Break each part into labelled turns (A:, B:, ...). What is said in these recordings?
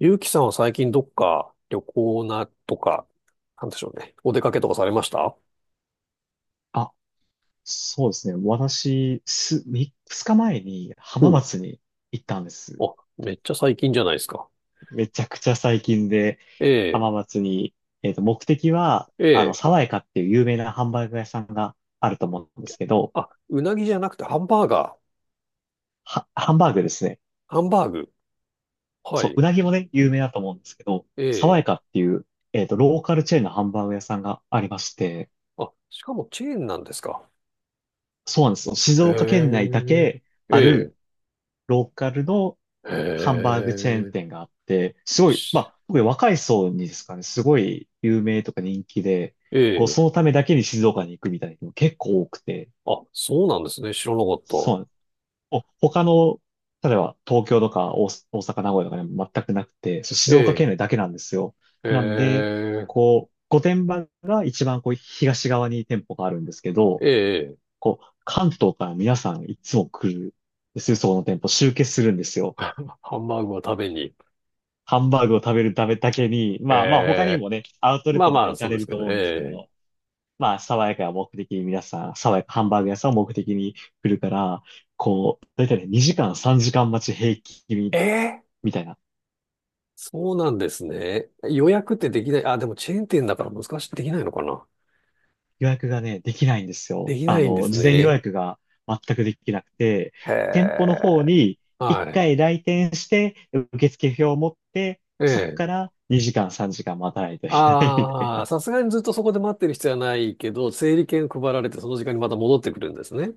A: ゆうきさんは最近どっか旅行なとか、なんでしょうね。お出かけとかされました？
B: あ、そうですね。私、3日前に
A: お
B: 浜
A: う。
B: 松に行ったんです。
A: あ、めっちゃ最近じゃないですか。
B: めちゃくちゃ最近で
A: ええ、
B: 浜松に、目的は、
A: ええ。
B: 爽やかっていう有名なハンバーグ屋さんがあると思うんですけど、
A: あ、うなぎじゃなくてハンバーガー。
B: ハンバーグですね。
A: ハンバーグ。は
B: そう、
A: い。
B: うなぎもね、有名だと思うんですけど、
A: え
B: 爽
A: え。
B: やかっていう、ローカルチェーンのハンバーグ屋さんがありまして、
A: あ、しかもチェーンなんですか？
B: そうなんですよ。静岡県内だ
A: へ
B: け
A: え。
B: あ
A: え
B: るローカルの
A: え。
B: ハン
A: へ
B: バーグチェーン
A: え。
B: 店があって、すごい、ま
A: し、
B: あ、特に若い層にですかね、すごい有名とか人気で、
A: え
B: こう、
A: え。
B: そのためだけに静岡に行くみたいな人も結構多くて、
A: あ、そうなんですね。知らなかった。
B: そうなんです。他の、例えば東京とか大阪、名古屋とかにも全くなくて、そう
A: え
B: 静岡
A: え。
B: 県内だけなんですよ。なん
A: え
B: で、
A: え。
B: こう、御殿場が一番こう東側に店舗があるんですけど、
A: ええ。
B: こう、関東から皆さんいつも来るんですよ、そこの店舗、集結するんですよ。
A: ハンバーグを食べに。
B: ハンバーグを食べるためだけに、
A: え
B: まあまあ他に
A: え。
B: もね、アウトレッ
A: まあ
B: トと
A: ま
B: か
A: あ、
B: 行
A: そ
B: か
A: う
B: れ
A: です
B: る
A: け
B: と
A: ど
B: 思
A: ね。
B: うんですけ
A: ええ、
B: ど、まあ爽やかが目的に皆さん、爽やかハンバーグ屋さんを目的に来るから、こう、だいたいね、2時間3時間待ち平均
A: ええ、
B: みたいな。
A: そうなんですね。予約ってできない？あ、でもチェーン店だから難しくできないのかな。
B: 予約がね、できないんですよ。
A: できないんです
B: 事前予
A: ね。
B: 約が全くできなくて、
A: へ
B: 店舗の方
A: え。
B: に1
A: はい。
B: 回来店して、受付表を持って、
A: え
B: そこ
A: え。
B: から2時間3時間待たないといけないみたい
A: ああ、
B: な。
A: さすがにずっとそこで待ってる必要はないけど、整理券配られてその時間にまた戻ってくるんですね。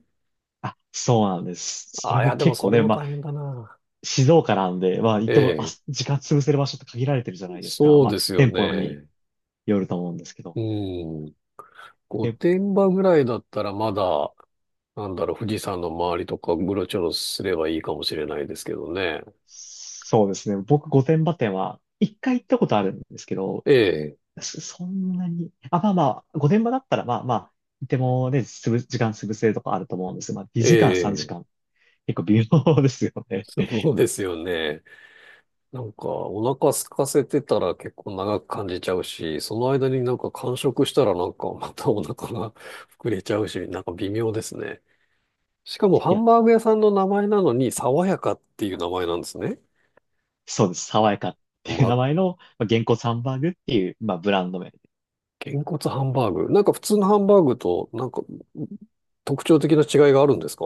B: あ、そうなんです。そ
A: あ
B: れ
A: あ、い
B: も
A: や、でも
B: 結
A: そ
B: 構
A: れ
B: ね、
A: も
B: まあ
A: 大変だな。
B: 静岡なんで、まあ、行っ
A: え
B: ても、
A: え、
B: 時間潰せる場所って限られてるじゃないですか。
A: そう
B: まあ、
A: ですよ
B: 店舗に
A: ね。
B: よると思うんですけど。
A: うん。御
B: で、
A: 殿場ぐらいだったらまだ、富士山の周りとかうろちょろすればいいかもしれないですけどね。
B: そうですね。僕、御殿場店は、一回行ったことあるんですけど、
A: え、
B: そんなに、まあまあ、御殿場だったら、まあまあ、いてもね、時間潰せるとかあると思うんですが、まあ、
A: え
B: 2時間、3
A: え、
B: 時間、結構微妙ですよね。
A: そうですよね。お腹空かせてたら結構長く感じちゃうし、その間になんか間食したらなんかまたお腹が 膨れちゃうし、なんか微妙ですね。しかもハ
B: いや、
A: ンバーグ屋さんの名前なのに、爽やかっていう名前なんですね。
B: そうです。爽やかっていう
A: ま、
B: 名前の、まあ、原稿サンバーグっていう、まあ、ブランド名。
A: げんこつハンバーグ。なんか普通のハンバーグとなんか特徴的な違いがあるんですか？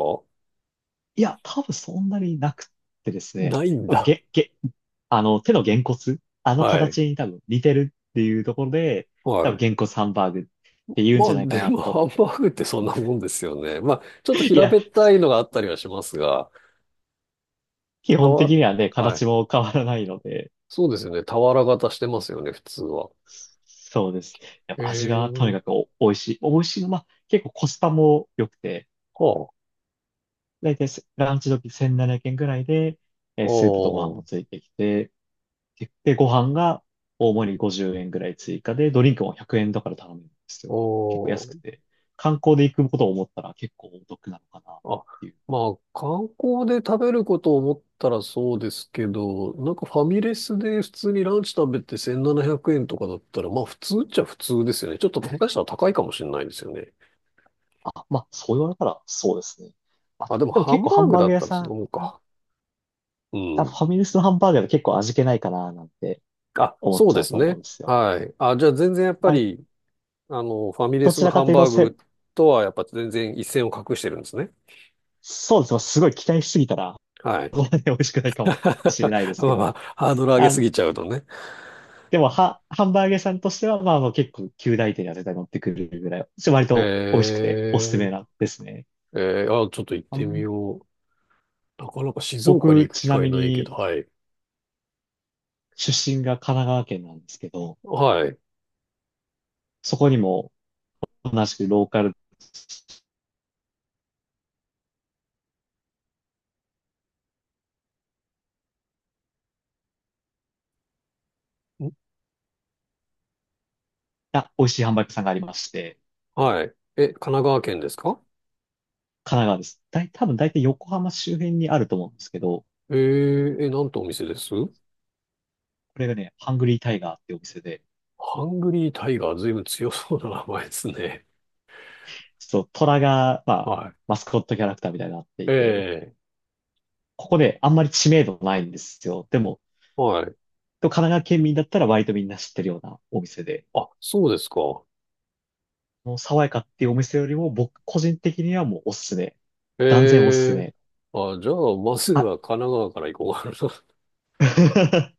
B: いや、多分そんなになくってですね。
A: ないんだ。
B: げ、げ、手のげんこつ、あの
A: はい。
B: 形に多分似てるっていうところで、
A: は
B: 多分
A: い。
B: げんこつハンバーグって言うん
A: ま
B: じゃ
A: あ、
B: ないか
A: で
B: な
A: も、ハ
B: と。
A: ンバーグってそんなもんですよね。まあ、ちょっと
B: い
A: 平
B: や、
A: べったいのがあったりはしますが、
B: 基
A: た
B: 本
A: わ、
B: 的にはね、
A: は
B: 形
A: い。
B: も変わらないので、
A: そうですよね。俵型してますよね、普通は。
B: そうです。やっぱ味がとに
A: え
B: かく
A: え、
B: 美味しい。美味しいの、まあ、結構コスパも良くて、
A: はあ、
B: だいたいランチ時1700円くえんぐらいで、
A: お
B: スープとご飯も
A: ー、
B: ついてきて、で、ご飯が大盛り50円ぐらい追加で、ドリンクも100円だから頼めるんですよ。
A: お
B: 結構安く
A: ー、
B: て、観光で行くことを思ったら結構お得なのかなっ
A: あ、
B: ていう。
A: まあ、観光で食べることを思ったらそうですけど、なんかファミレスで普通にランチ食べて1700円とかだったら、まあ、普通っちゃ普通ですよね。ちょっと、下手したら高いかもしれないですよね。
B: あ、まあ、そう言われたらそうですね。ま
A: あ、
B: あ、
A: でも、
B: でも
A: ハ
B: 結
A: ン
B: 構
A: バ
B: ハ
A: ー
B: ン
A: グ
B: バー
A: だ
B: グ
A: っ
B: 屋
A: たらそ
B: さん、
A: のもんか。う
B: フ
A: ん。
B: ァミレスのハンバーガーが結構味気ないかななんて
A: あ、
B: 思っ
A: そう
B: ちゃ
A: で
B: う
A: す
B: と思う
A: ね。
B: んですよ。
A: はい。あ、じゃあ全然やっぱ
B: あれ、
A: り、ファミレ
B: ど
A: ス
B: ち
A: の
B: ら
A: ハ
B: か
A: ン
B: というと
A: バーグとはやっぱ全然一線を画してるんですね。
B: そうですね。すごい期待しすぎたら、
A: はい。
B: そんなに美味しくないかもしれないで す
A: ま
B: け
A: あまあ、
B: ど、
A: ハードル上げ
B: あ、
A: すぎちゃうとね。
B: でも、ハンバーグ屋さんとしては、まあ、もう結構、旧大手には絶対乗ってくるぐらい、割
A: え
B: と美味しくておすすめ
A: ー、
B: なんですね。
A: えー、あ、ちょっと行っ
B: あ
A: てみ
B: ん
A: よう。なかなか静岡に
B: 僕、
A: 行く機
B: ちな
A: 会
B: み
A: ないけ
B: に、
A: ど、はい。
B: 出身が神奈川県なんですけど、
A: はい。
B: そこにも同じくローカル
A: ん、
B: な美味しいハンバーグ屋さんがありまして、
A: はい。え、神奈川県ですか？
B: 神奈川です。多分大体横浜周辺にあると思うんですけど、
A: えー、え、なんとお店です
B: これがね、ハングリータイガーっていうお店で、
A: ハングリータイガー、ずいぶん強そうな名前ですね。
B: ちょっと虎が、まあ、
A: は
B: マスコットキャラクターみたいになって
A: い。え
B: いて、
A: え、
B: ここであんまり知名度ないんですよ。でも、
A: はい。
B: 神奈川県民だったら割とみんな知ってるようなお店で、
A: あ、そうですか。
B: もう爽やかっていうお店よりも僕個人的にはもうおすすめ。断然おすす
A: ええ、
B: め。
A: あ、じゃあ、まず
B: あ、
A: は神奈川から行こうかな。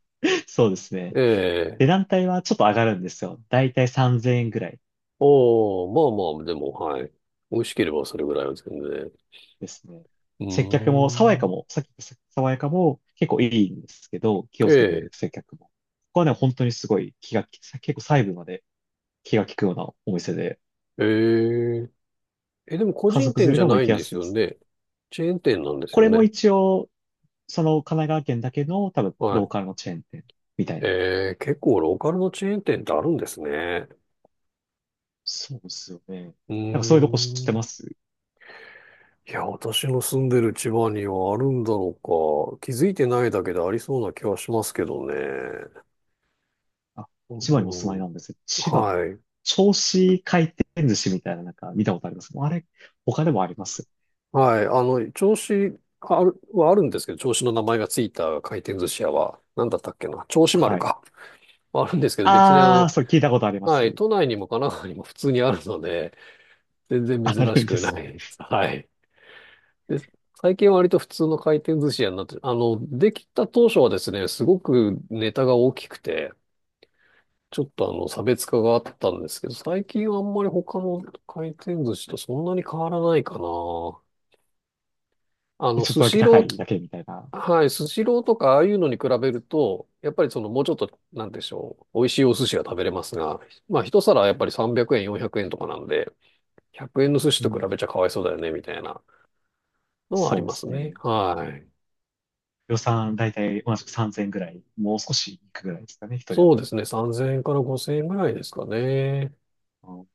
B: そうですね。値
A: ええ、
B: 段帯はちょっと上がるんですよ。だいたい3000円ぐらい
A: おお、まあまあ、でも、はい。美味しければそれぐらいは全然。う
B: ですね。接客
A: ー
B: も、爽やかも、
A: ん。
B: さっき言った爽やかも結構いいんですけど、気をつけてる
A: え、え
B: 接客も。ここはね、本当にすごい気が利く、結構細部まで気が利くようなお店で、
A: え、ええ、でも個
B: 家族
A: 人
B: 連
A: 店
B: れ
A: じ
B: で
A: ゃ
B: も
A: な
B: 行
A: い
B: き
A: ん
B: や
A: で
B: す
A: す
B: いで
A: よ
B: す。
A: ね。チェーン店なんです
B: こ
A: よ
B: れも
A: ね。
B: 一応、その神奈川県だけの多分
A: は
B: ロー
A: い。
B: カルのチェーン店みたいな。
A: ええ、結構ローカルのチェーン店ってあるんですね。
B: そうですよね。
A: うー
B: なんかそういうとこ知って
A: ん。
B: ます？
A: いや、私の住んでる千葉にはあるんだろうか。気づいてないだけでありそうな気はしますけどね。
B: あ、
A: う
B: 千葉にお住まい
A: ん、
B: なんですよ。千葉。
A: はい。
B: 銚子回転寿司みたいななんか見たことあります。あれ、他でもあります。
A: はい。銚子ある、はあるんですけど、銚子の名前がついた回転寿司屋は、なんだったっけな、銚子丸
B: はい。
A: か。はあるんですけど、別にあ
B: あ
A: の、
B: ー、それ聞いたことありま
A: はい、
B: す。
A: 都内にも神奈川にも普通にあるので、全然
B: あ
A: 珍
B: る
A: し
B: んで
A: くな
B: す。
A: いです。はい。で、最近は割と普通の回転寿司屋になって、あの、できた当初はですね、すごくネタが大きくて、ちょっとあの、差別化があったんですけど、最近はあんまり他の回転寿司とそんなに変わらないかな。あ の、
B: ちょっ
A: ス
B: とだけ
A: シ
B: 高
A: ロー
B: いだけみたいな。
A: はい、スシローとかああいうのに比べると、やっぱりそのもうちょっと、なんでしょう、美味しいお寿司が食べれますが、まあ一皿やっぱり300円、400円とかなんで、100円の寿司
B: う
A: と比べ
B: ん。
A: ちゃかわいそうだよね、みたいなのはあ
B: そ
A: り
B: うで
A: ます
B: す
A: ね。
B: ね。
A: はい。
B: 予算だいたい同じく3000ぐらい。もう少しいくぐらいですかね、一人当
A: そう
B: たり。
A: ですね、3000円から5000円ぐらいですかね。
B: あの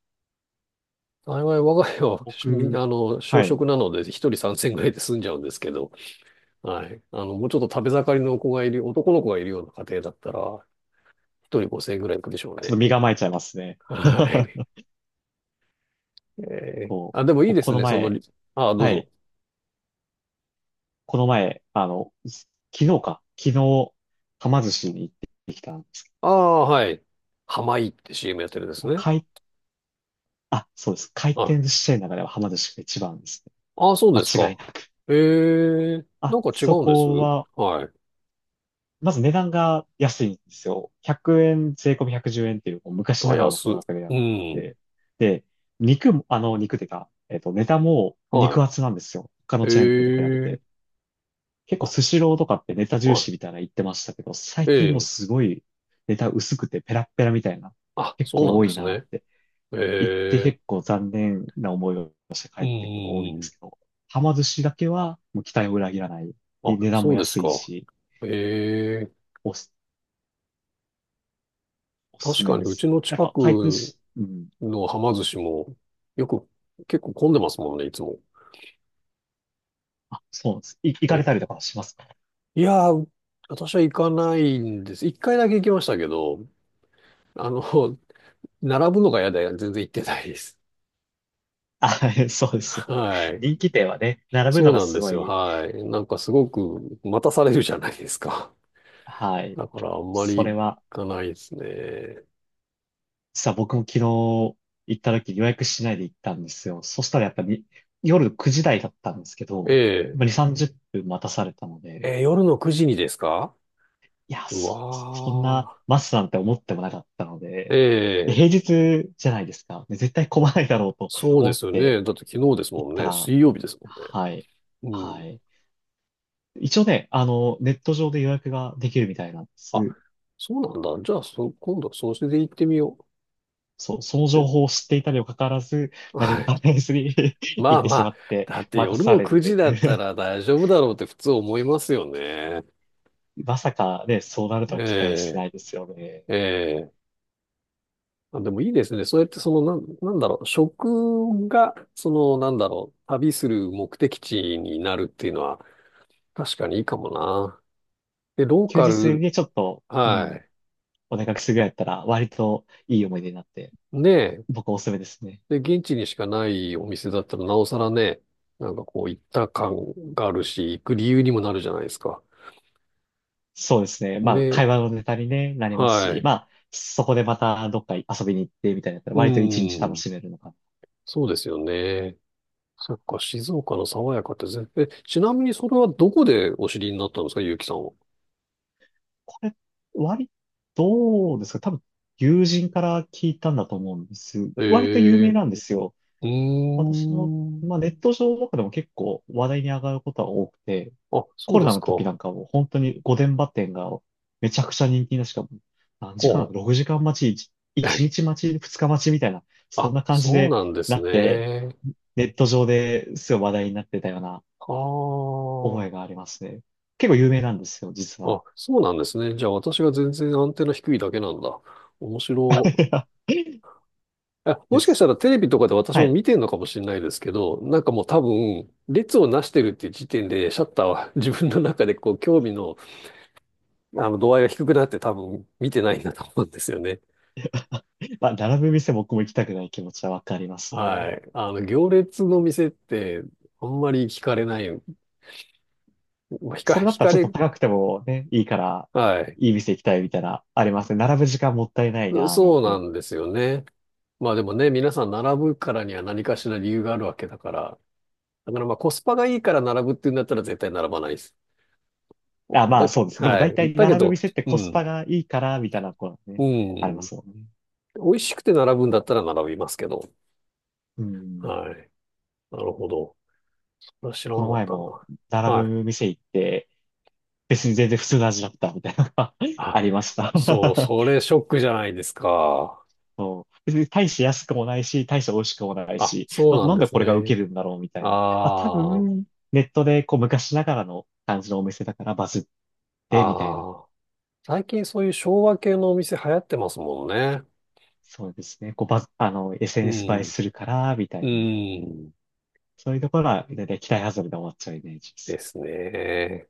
A: 幸い我が家は、み
B: 僕、
A: あの、小
B: はい。
A: 食なので、一人3000円ぐらいで済んじゃうんですけど、はい。あの、もうちょっと食べ盛りの子がいる、男の子がいるような家庭だったら、一人5000円ぐらいいくでしょう
B: ちょっと
A: ね。
B: 身構えちゃいますね。
A: はい。ええ、
B: こう、
A: あ、でもいい
B: 僕
A: で
B: こ
A: す
B: の
A: ね、その、
B: 前、
A: ああ、どう
B: は
A: ぞ。
B: い、この前、昨日、はま寿司に行ってきたんですけど、
A: ああ、はい。ハマイって CM やってるんです
B: 僕
A: ね。
B: 回、あ、そうです。回
A: は
B: 転
A: い。
B: 寿司チェーンの中でははま寿司が一番ですね。
A: ああ、そうです
B: 間違い
A: か。
B: なく。
A: ええ、
B: あ、
A: なんか違
B: そ
A: うんです
B: こは、
A: はい。
B: まず値段が安いんですよ。100円、税込み110円っていう、こう昔
A: あ、
B: ながらの
A: 安。
B: 価格でや
A: う
B: っ
A: ん。
B: て、で、肉も、肉ていうか、ネタも
A: は
B: 肉
A: い。
B: 厚なんですよ。他のチェーン店と比べ
A: え
B: て。
A: え、
B: 結構
A: あ、
B: スシローとかってネタ重
A: は
B: 視みたいな言ってましたけど、最近も
A: い。ええ、
B: すごいネタ薄くてペラッペラみたいな、
A: あ、
B: 結
A: そう
B: 構
A: なん
B: 多
A: で
B: い
A: す
B: なっ
A: ね。
B: て言って
A: ええ、
B: 結構残念な思いをして帰
A: うん
B: っ
A: う
B: てくることが多いん
A: んう
B: ですけ
A: ん。
B: ど、はま寿司だけはもう期待を裏切らない。
A: あ、
B: で値段も
A: そうです
B: 安い
A: か。
B: し、
A: ええ、
B: おす、おすす
A: 確
B: め
A: かに
B: で
A: うち
B: す。
A: の
B: なん
A: 近
B: か回転
A: く
B: し、うん。
A: の浜寿司もよく結構混んでますもんね、いつも。
B: あ、そうなんです。い、行かれ
A: え
B: たりと
A: え、
B: かはしますか
A: いやー、私は行かないんです。一回だけ行きましたけど、あの、並ぶのが嫌で全然行ってないです。
B: あ、そうですよ ね。
A: はい。
B: 人気店はね、並ぶ
A: そ
B: の
A: う
B: が
A: なん
B: す
A: で
B: ご
A: すよ。
B: い、
A: はい。なんかすごく待たされるじゃないですか。
B: は い。
A: だからあんま
B: そ
A: り
B: れ
A: 行
B: は
A: かないですね。
B: 実は僕も昨日行った時予約しないで行ったんですよ。そしたらやっぱり夜9時台だったんですけ
A: え
B: ど、まあ、2、
A: え。
B: 30分待たされたので、
A: えー、夜の9時にですか？
B: いや、
A: う
B: そんな
A: わ
B: 待つなんて思ってもなかったの
A: ー。え
B: で、で平
A: え。
B: 日じゃないですか。で絶対混まないだろうと
A: そうで
B: 思っ
A: すよ
B: て
A: ね。だって昨日です
B: 行っ
A: もん
B: た
A: ね。
B: ら、
A: 水曜日ですもん
B: はい、
A: ね。う
B: は
A: ん。
B: い。一応ね、ネット上で予約ができるみたいなんで
A: あ、
B: す。
A: そうなんだ。じゃあ、そ、今度はそれで行ってみよ
B: そう、その
A: う。
B: 情
A: え、
B: 報を知っていたにもかかわらず、何
A: は
B: も
A: い。
B: 関係ずに 行
A: ま
B: っ
A: あ
B: て
A: ま
B: しま
A: あ、
B: って、
A: だって
B: 待た
A: 夜
B: さ
A: の
B: れる
A: 9
B: とい
A: 時だった
B: う。
A: ら大丈夫だろうって普通思いますよね。
B: まさかね、そうなるとは期待してな
A: え
B: いですよね。
A: え、ええ。あ、でもいいですね。そうやってその、なんだろう、食が、その、なんだろう、旅する目的地になるっていうのは確かにいいかもな。で、ロー
B: 休
A: カ
B: 日
A: ル、
B: でちょっと、うん、
A: は
B: お出かけするぐらいだったら、割といい思い出になって、
A: い。ね、
B: 僕おすすめですね。
A: え。で、現地にしかないお店だったらなおさらね、なんかこう行った感があるし、行く理由にもなるじゃないですか。
B: そうですね。まあ、
A: ね、
B: 会話のネタに、ね、なります
A: は
B: し、
A: い。
B: まあ、そこでまたどっか遊びに行ってみたいなったら、
A: う
B: 割と一日楽
A: ん。
B: しめるのかな。
A: そうですよね。そっか、静岡の爽やかってぜ、え、ちなみにそれはどこでお知りになったんですか、ゆうきさんは。
B: これ、割、どうですか？多分、友人から聞いたんだと思うんです。割と有
A: え
B: 名
A: え、
B: なんですよ。
A: うー
B: 私も、
A: ん。
B: まあ、ネット上とかでも結構話題に上がることは多くて、
A: あ、そ
B: コ
A: う
B: ロ
A: で
B: ナ
A: す
B: の時
A: か。
B: なんかも本当に御殿場店がめちゃくちゃ人気な、しかも何時
A: ほ
B: 間、6時間待ち、1
A: う。
B: 日待ち、2日待ちみたいな、そん
A: あ、
B: な感じ
A: そう
B: で
A: なんで
B: な
A: す
B: って、
A: ね。
B: ネット上ですごい話題になってたような
A: は
B: 覚えがありますね。結構有名なんですよ、実
A: あ。
B: は。
A: あ、そうなんですね。じゃあ私が全然アンテナ低いだけなんだ。面白い。え、
B: で
A: もしかし
B: す。
A: たらテレビとかで私
B: は
A: も
B: い。
A: 見てんのかもしれないですけど、なんかもう多分、列をなしてるっていう時点で、シャッターは自分の中でこう、興味の度合いが低くなって多分見てないんだと思うんですよね。
B: まあ、並ぶ店僕も行きたくない気持ちはわかりますね。
A: はい。あの、行列の店って、あんまり惹かれない。まあ
B: それだっ
A: 惹
B: たら
A: か
B: ちょっと
A: れ、
B: 高くてもね、いいから、
A: はい。
B: いい店行きたいみたいな、ありますね。並ぶ時間もったいないな、なん
A: そうな
B: て。
A: んですよね。まあでもね、皆さん並ぶからには何かしら理由があるわけだから。だからまあコスパがいいから並ぶっていうんだったら絶対並ばないです。
B: あ、まあそうです。でも
A: は
B: 大
A: い。
B: 体
A: だけ
B: 並ぶ
A: ど、
B: 店って
A: う
B: コスパ
A: ん。
B: がいいから、みたいなこうね、
A: う
B: ありま
A: ん。
B: すもんね。
A: 美味しくて並ぶんだったら並びますけど。
B: うん。
A: はい。なるほど。それは知ら
B: こ
A: な
B: の
A: かっ
B: 前
A: た
B: も
A: な。
B: 並
A: はい。
B: ぶ店行って、別に全然普通の味だったみたいなのが
A: あ、
B: ありました
A: そう、そ れショックじゃないですか。
B: そう。別に大して安くもないし、大して美味しくもない
A: あ、
B: し、
A: そう
B: な、
A: なん
B: なん
A: で
B: で
A: す
B: これが受
A: ね。
B: けるんだろうみたいな。まあ多
A: ああ、
B: 分、ネットでこう昔ながらの感じのお店だからバズってみたいな。
A: ああ。最近そういう昭和系のお店流行ってますもんね。
B: そうですね。こう、ば、あの、
A: う
B: SNS 映え
A: ん、
B: するから、みた
A: う
B: いな。
A: ん、
B: そういうところは、だいたい期待外れで終わっちゃうイメージで
A: で
B: す。
A: すね。